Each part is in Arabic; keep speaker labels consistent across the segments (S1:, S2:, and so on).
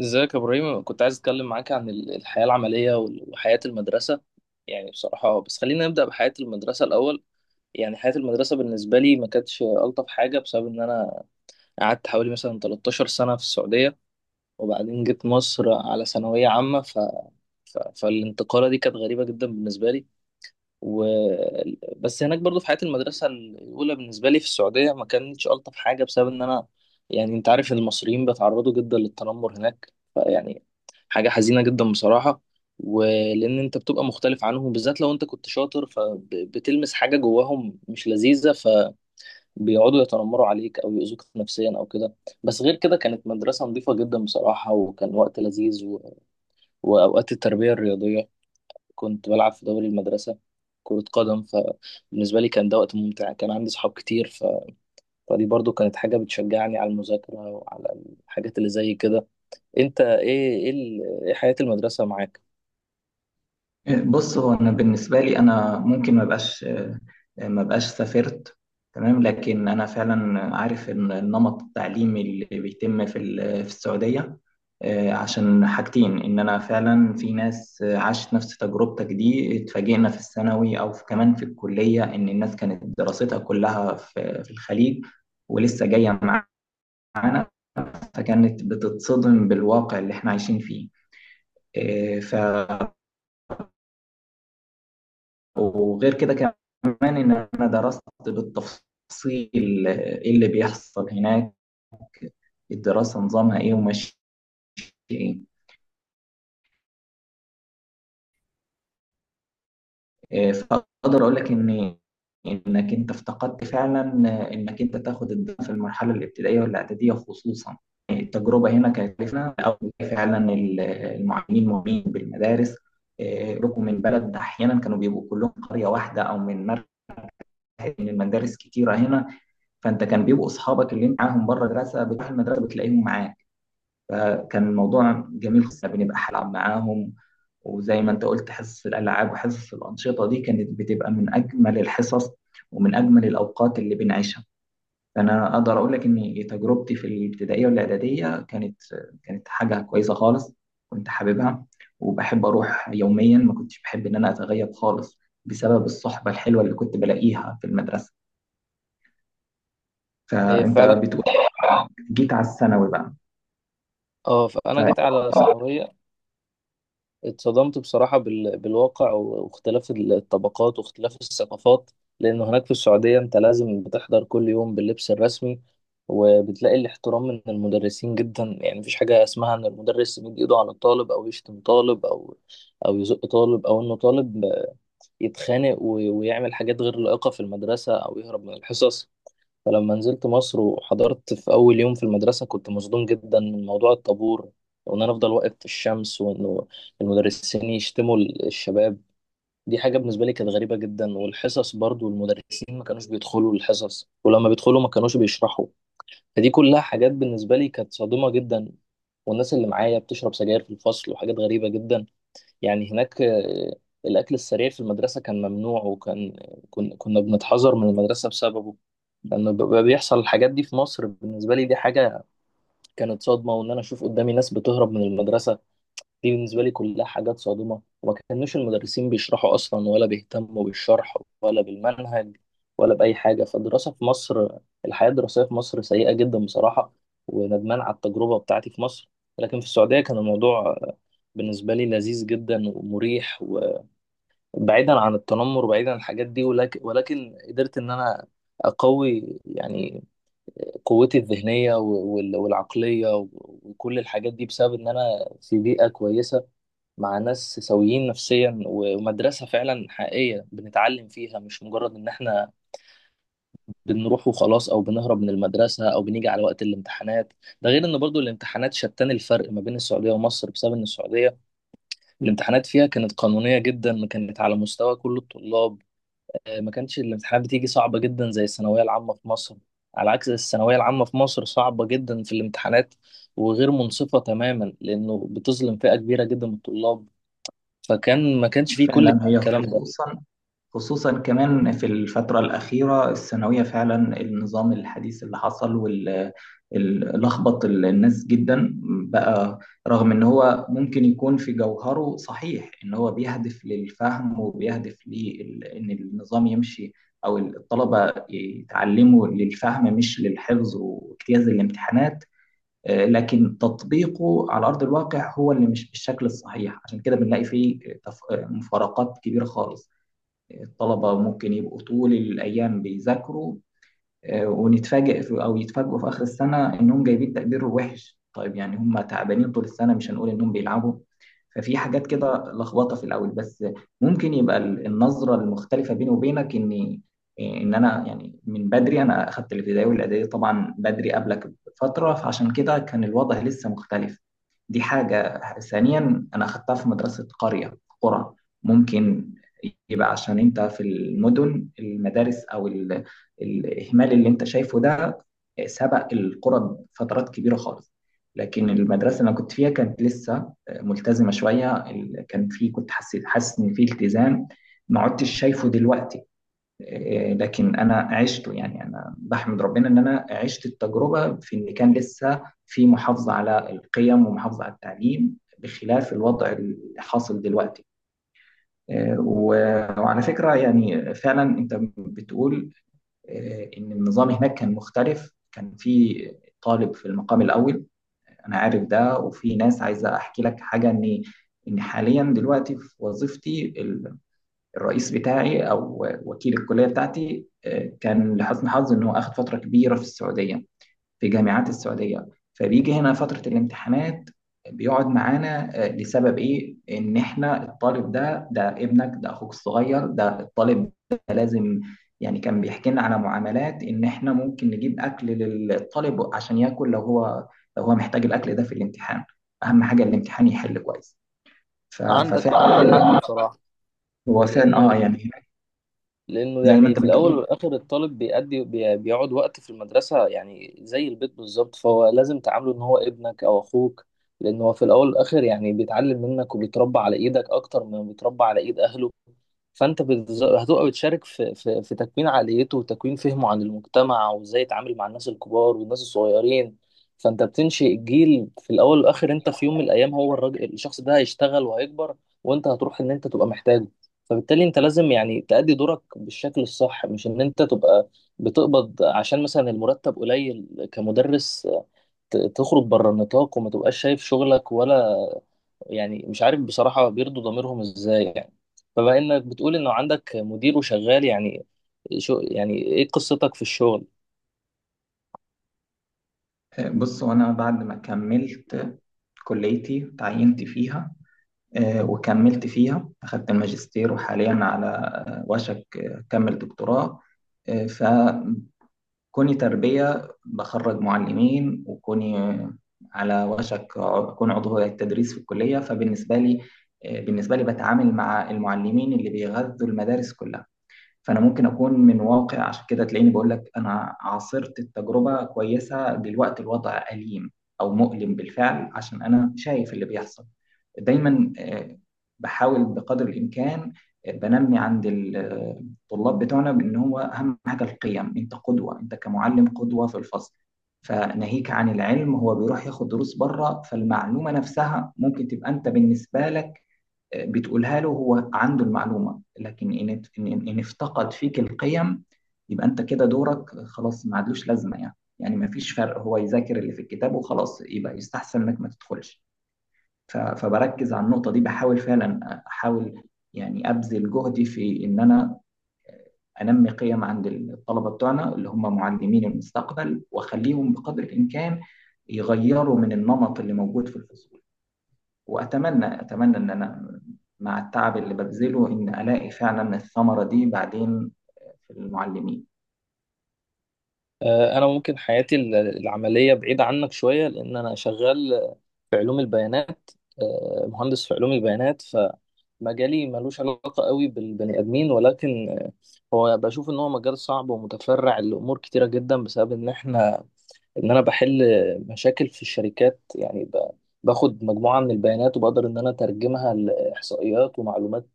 S1: ازيك يا ابراهيم؟ كنت عايز اتكلم معاك عن الحياة العملية وحياة المدرسة يعني بصراحة. بس خلينا نبدأ بحياة المدرسة الأول. يعني حياة المدرسة بالنسبة لي ما كانتش ألطف حاجة، بسبب إن أنا قعدت حوالي مثلا 13 سنة في السعودية، وبعدين جيت مصر على ثانوية عامة، فالانتقالة دي كانت غريبة جدا بالنسبة لي. و... بس هناك برضو في حياة المدرسة الأولى بالنسبة لي في السعودية ما كانتش ألطف حاجة بسبب إن أنا، يعني أنت عارف المصريين بيتعرضوا جدا للتنمر هناك، فيعني حاجة حزينة جدا بصراحة. ولأن أنت بتبقى مختلف عنهم، بالذات لو أنت كنت شاطر، فبتلمس حاجة جواهم مش لذيذة، فبيقعدوا يتنمروا عليك أو يؤذوك نفسيا أو كده. بس غير كده كانت مدرسة نظيفة جدا بصراحة، وكان وقت لذيذ. وأوقات التربية الرياضية كنت بلعب في دوري المدرسة كرة قدم، فبالنسبة لي كان ده وقت ممتع، كان عندي صحاب كتير. فدي برضو كانت حاجة بتشجعني على المذاكرة وعلى الحاجات اللي زي كده. انت إيه حياة المدرسة معاك؟
S2: بص هو انا بالنسبه لي انا ممكن ما بقاش ما بقاش سافرت. تمام، لكن انا فعلا عارف ان النمط التعليمي اللي بيتم في السعوديه، عشان حاجتين، ان انا فعلا في ناس عاشت نفس تجربتك دي، اتفاجئنا في الثانوي او في كمان في الكليه، ان الناس كانت دراستها كلها في الخليج ولسه جايه معانا، فكانت بتتصدم بالواقع اللي احنا عايشين فيه. إيه، ف وغير كده كمان إن أنا درست بالتفصيل إيه اللي بيحصل هناك، الدراسة نظامها إيه وماشية إيه. فأقدر أقول لك إنك أنت افتقدت فعلا، إنك أنت تاخد الدراسة في المرحلة الابتدائية والإعدادية خصوصا. يعني التجربة هنا كانت لنا، أو فعلا المعلمين مهمين بالمدارس. ركوا من بلد، أحيانا كانوا بيبقوا كلهم قرية واحدة أو من مركز، من مدارس كتيرة هنا. فانت كان بيبقوا اصحابك اللي معاهم بره المدرسه، بتروح المدرسه بتلاقيهم معاك، فكان الموضوع جميل خصوصا بنبقى هنلعب معاهم. وزي ما انت قلت، حصص الالعاب وحصص الانشطه دي كانت بتبقى من اجمل الحصص ومن اجمل الاوقات اللي بنعيشها. فانا اقدر اقول لك ان تجربتي في الابتدائيه والاعداديه كانت حاجه كويسه خالص، كنت حاببها وبحب اروح يوميا، ما كنتش بحب ان انا اتغيب خالص بسبب الصحبه الحلوه اللي كنت بلاقيها في المدرسه.
S1: هي
S2: فانت
S1: فعلا.
S2: بتقول جيت على الثانوي بقى.
S1: اه، فانا جيت على ثانوية، اتصدمت بصراحة بالواقع واختلاف الطبقات واختلاف الثقافات. لأنه هناك في السعودية أنت لازم بتحضر كل يوم باللبس الرسمي، وبتلاقي الاحترام من المدرسين جدا، يعني مفيش حاجة اسمها إن المدرس يمد إيده على الطالب، أو يشتم طالب، أو يزق طالب، أو إنه طالب يتخانق ويعمل حاجات غير لائقة في المدرسة، أو يهرب من الحصص. فلما نزلت مصر وحضرت في أول يوم في المدرسة كنت مصدوم جدا من موضوع الطابور، وإن أنا أفضل واقف في الشمس، وإنه المدرسين يشتموا الشباب. دي حاجة بالنسبة لي كانت غريبة جدا. والحصص برضو المدرسين ما كانوش بيدخلوا الحصص، ولما بيدخلوا ما كانوش بيشرحوا. فدي كلها حاجات بالنسبة لي كانت صادمة جدا. والناس اللي معايا بتشرب سجاير في الفصل، وحاجات غريبة جدا. يعني هناك الأكل السريع في المدرسة كان ممنوع، وكان كنا بنتحذر من المدرسة بسببه، لأنه بيبقى بيحصل الحاجات دي في مصر. بالنسبة لي دي حاجة كانت صدمة، وإن أنا أشوف قدامي ناس بتهرب من المدرسة، دي بالنسبة لي كلها حاجات صادمة. وما كانوش المدرسين بيشرحوا أصلا، ولا بيهتموا بالشرح ولا بالمنهج ولا بأي حاجة. فالدراسة في مصر، الحياة الدراسية في مصر سيئة جدا بصراحة، وندمان على التجربة بتاعتي في مصر. لكن في السعودية كان الموضوع بالنسبة لي لذيذ جدا ومريح، وبعيدا عن التنمر وبعيدا عن الحاجات دي. ولكن قدرت إن أنا أقوي، يعني قوتي الذهنية والعقلية، وكل الحاجات دي بسبب إن أنا في بيئة كويسة مع ناس سويين نفسيا، ومدرسة فعلا حقيقية بنتعلم فيها، مش مجرد إن إحنا بنروح وخلاص، أو بنهرب من المدرسة، أو بنيجي على وقت الامتحانات. ده غير إن برضو الامتحانات شتان الفرق ما بين السعودية ومصر، بسبب إن السعودية الامتحانات فيها كانت قانونية جدا، كانت على مستوى كل الطلاب، ما كانتش الامتحانات بتيجي صعبة جدا زي الثانوية العامة في مصر. على عكس الثانوية العامة في مصر صعبة جدا في الامتحانات، وغير منصفة تماما، لأنه بتظلم فئة كبيرة جدا من الطلاب. فكان ما كانش فيه كل
S2: ففعلا هي
S1: الكلام ده.
S2: خصوصا كمان في الفترة الأخيرة، الثانوية فعلا النظام الحديث اللي حصل لخبط الناس جدا بقى. رغم إن هو ممكن يكون في جوهره صحيح، إن هو بيهدف للفهم وبيهدف لإن النظام يمشي أو الطلبة يتعلموا للفهم مش للحفظ واجتياز الامتحانات، لكن تطبيقه على ارض الواقع هو اللي مش بالشكل الصحيح، عشان كده بنلاقي فيه مفارقات كبيره خالص. الطلبه ممكن يبقوا طول الايام بيذاكروا، ونتفاجئ في او يتفاجئوا في اخر السنه انهم جايبين تقدير وحش. طيب، يعني هم تعبانين طول السنه، مش هنقول انهم بيلعبوا. ففي حاجات كده لخبطه في الاول. بس ممكن يبقى النظره المختلفه بيني وبينك اني، ان انا يعني من بدري، انا اخدت الابتدائي والاعدادي طبعا بدري قبلك بفتره، فعشان كده كان الوضع لسه مختلف. دي حاجه. ثانيا، انا اخدتها في مدرسه قريه، قرى، ممكن يبقى عشان انت في المدن، المدارس او ال الإهمال اللي أنت شايفه ده سبق القرى بفترات كبيرة خالص، لكن المدرسة اللي أنا كنت فيها كانت لسه ملتزمة شوية. كان في، كنت حاسس إن في التزام ما عدتش شايفه دلوقتي. لكن أنا عشته، يعني أنا بحمد ربنا إن أنا عشت التجربة في إن كان لسه في محافظة على القيم ومحافظة على التعليم بخلاف الوضع الحاصل دلوقتي. و وعلى فكرة يعني فعلا أنت بتقول، ان النظام هناك كان مختلف، كان في طالب في المقام الاول. انا عارف ده، وفي ناس عايزه احكي لك حاجه ان حاليا دلوقتي في وظيفتي الرئيس بتاعي او وكيل الكليه بتاعتي، كان لحسن حظي ان هو اخذ فتره كبيره في السعوديه، في جامعات السعودية. فبيجي هنا فترة الامتحانات بيقعد معانا، لسبب ايه؟ ان احنا الطالب ده، ابنك، ده اخوك الصغير، ده الطالب ده لازم، يعني كان بيحكي لنا على معاملات ان احنا ممكن نجيب اكل للطالب عشان ياكل لو هو محتاج الاكل ده في الامتحان، اهم حاجة الامتحان يحل كويس. ف-
S1: عندك عنده حق
S2: ففعلا
S1: بصراحة.
S2: هو فعلا،
S1: لأنه
S2: اه، يعني هناك زي ما
S1: يعني
S2: انت
S1: في الأول
S2: بتقول.
S1: والآخر الطالب بيأدي بيقعد وقت في المدرسة، يعني زي البيت بالظبط، فهو لازم تعامله إن هو ابنك أو أخوك. لأنه هو في الأول والآخر يعني بيتعلم منك، وبيتربى على إيدك أكتر ما بيتربى على إيد أهله. فانت هتبقى بتشارك في تكوين عقليته، وتكوين فهمه عن المجتمع، وازاي يتعامل مع الناس الكبار والناس الصغيرين. فانت بتنشئ جيل، في الاول والاخر انت في يوم من الايام هو الراجل، الشخص ده هيشتغل وهيكبر، وانت هتروح ان انت تبقى محتاجه. فبالتالي انت لازم يعني تأدي دورك بالشكل الصح، مش ان انت تبقى بتقبض، عشان مثلا المرتب قليل كمدرس، تخرج بره النطاق، وما تبقاش شايف شغلك ولا، يعني مش عارف بصراحة بيرضوا ضميرهم ازاي يعني. فبما انك بتقول انه عندك مدير وشغال، يعني شو يعني ايه قصتك في الشغل؟
S2: بص، وانا بعد ما كملت كليتي تعينت فيها، وكملت فيها أخدت الماجستير، وحاليا على وشك أكمل دكتوراه. فكوني تربية بخرج معلمين، وكوني على وشك أكون عضو هيئة التدريس في الكلية، فبالنسبة لي، بالنسبة لي بتعامل مع المعلمين اللي بيغذوا المدارس كلها، فانا ممكن اكون من واقع. عشان كده تلاقيني بقول لك انا عاصرت التجربه كويسه، دلوقتي الوضع اليم او مؤلم بالفعل عشان انا شايف اللي بيحصل دايما. بحاول بقدر الامكان، بنمي عند الطلاب بتوعنا بان هو اهم حاجه القيم، انت قدوه، انت كمعلم قدوه في الفصل. فناهيك عن العلم، هو بيروح ياخد دروس بره، فالمعلومه نفسها ممكن تبقى انت بالنسبه لك بتقولها له، هو عنده المعلومة، لكن إن إن افتقد فيك القيم، يبقى أنت كده دورك خلاص ما عادلوش لازمة، يعني يعني ما فيش فرق، هو يذاكر اللي في الكتاب وخلاص، يبقى يستحسن إنك ما تدخلش. فبركز على النقطة دي، بحاول فعلا، أحاول يعني أبذل جهدي في إن أنا أنمي قيم عند الطلبة بتوعنا اللي هم معلمين المستقبل، وأخليهم بقدر الإمكان يغيروا من النمط اللي موجود في الفصول. وأتمنى إن أنا مع التعب اللي ببذله إن ألاقي فعلا الثمرة دي بعدين في المعلمين.
S1: انا ممكن حياتي العملية بعيدة عنك شوية، لان انا شغال في علوم البيانات. مهندس في علوم البيانات. فمجالي ملوش علاقة قوي بالبني ادمين، ولكن هو بشوف ان هو مجال صعب ومتفرع لامور كتيرة جدا، بسبب ان احنا، ان انا بحل مشاكل في الشركات، يعني باخد مجموعة من البيانات، وبقدر ان انا اترجمها لاحصائيات ومعلومات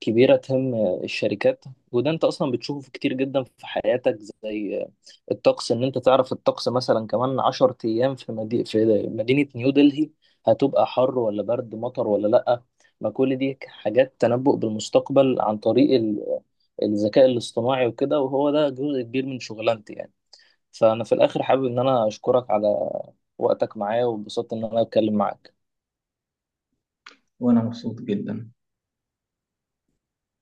S1: كبيرة تهم الشركات. وده انت اصلا بتشوفه في كتير جدا في حياتك، زي الطقس، ان انت تعرف الطقس مثلا كمان 10 ايام في في مدينة نيو دلهي هتبقى حر ولا برد، مطر ولا لأ. ما كل دي حاجات تنبؤ بالمستقبل عن طريق الذكاء الاصطناعي وكده، وهو ده جزء كبير من شغلانتي يعني. فأنا في الآخر حابب إن أنا أشكرك على وقتك معايا، واتبسطت إن أنا أتكلم معاك.
S2: وأنا مبسوط جدا.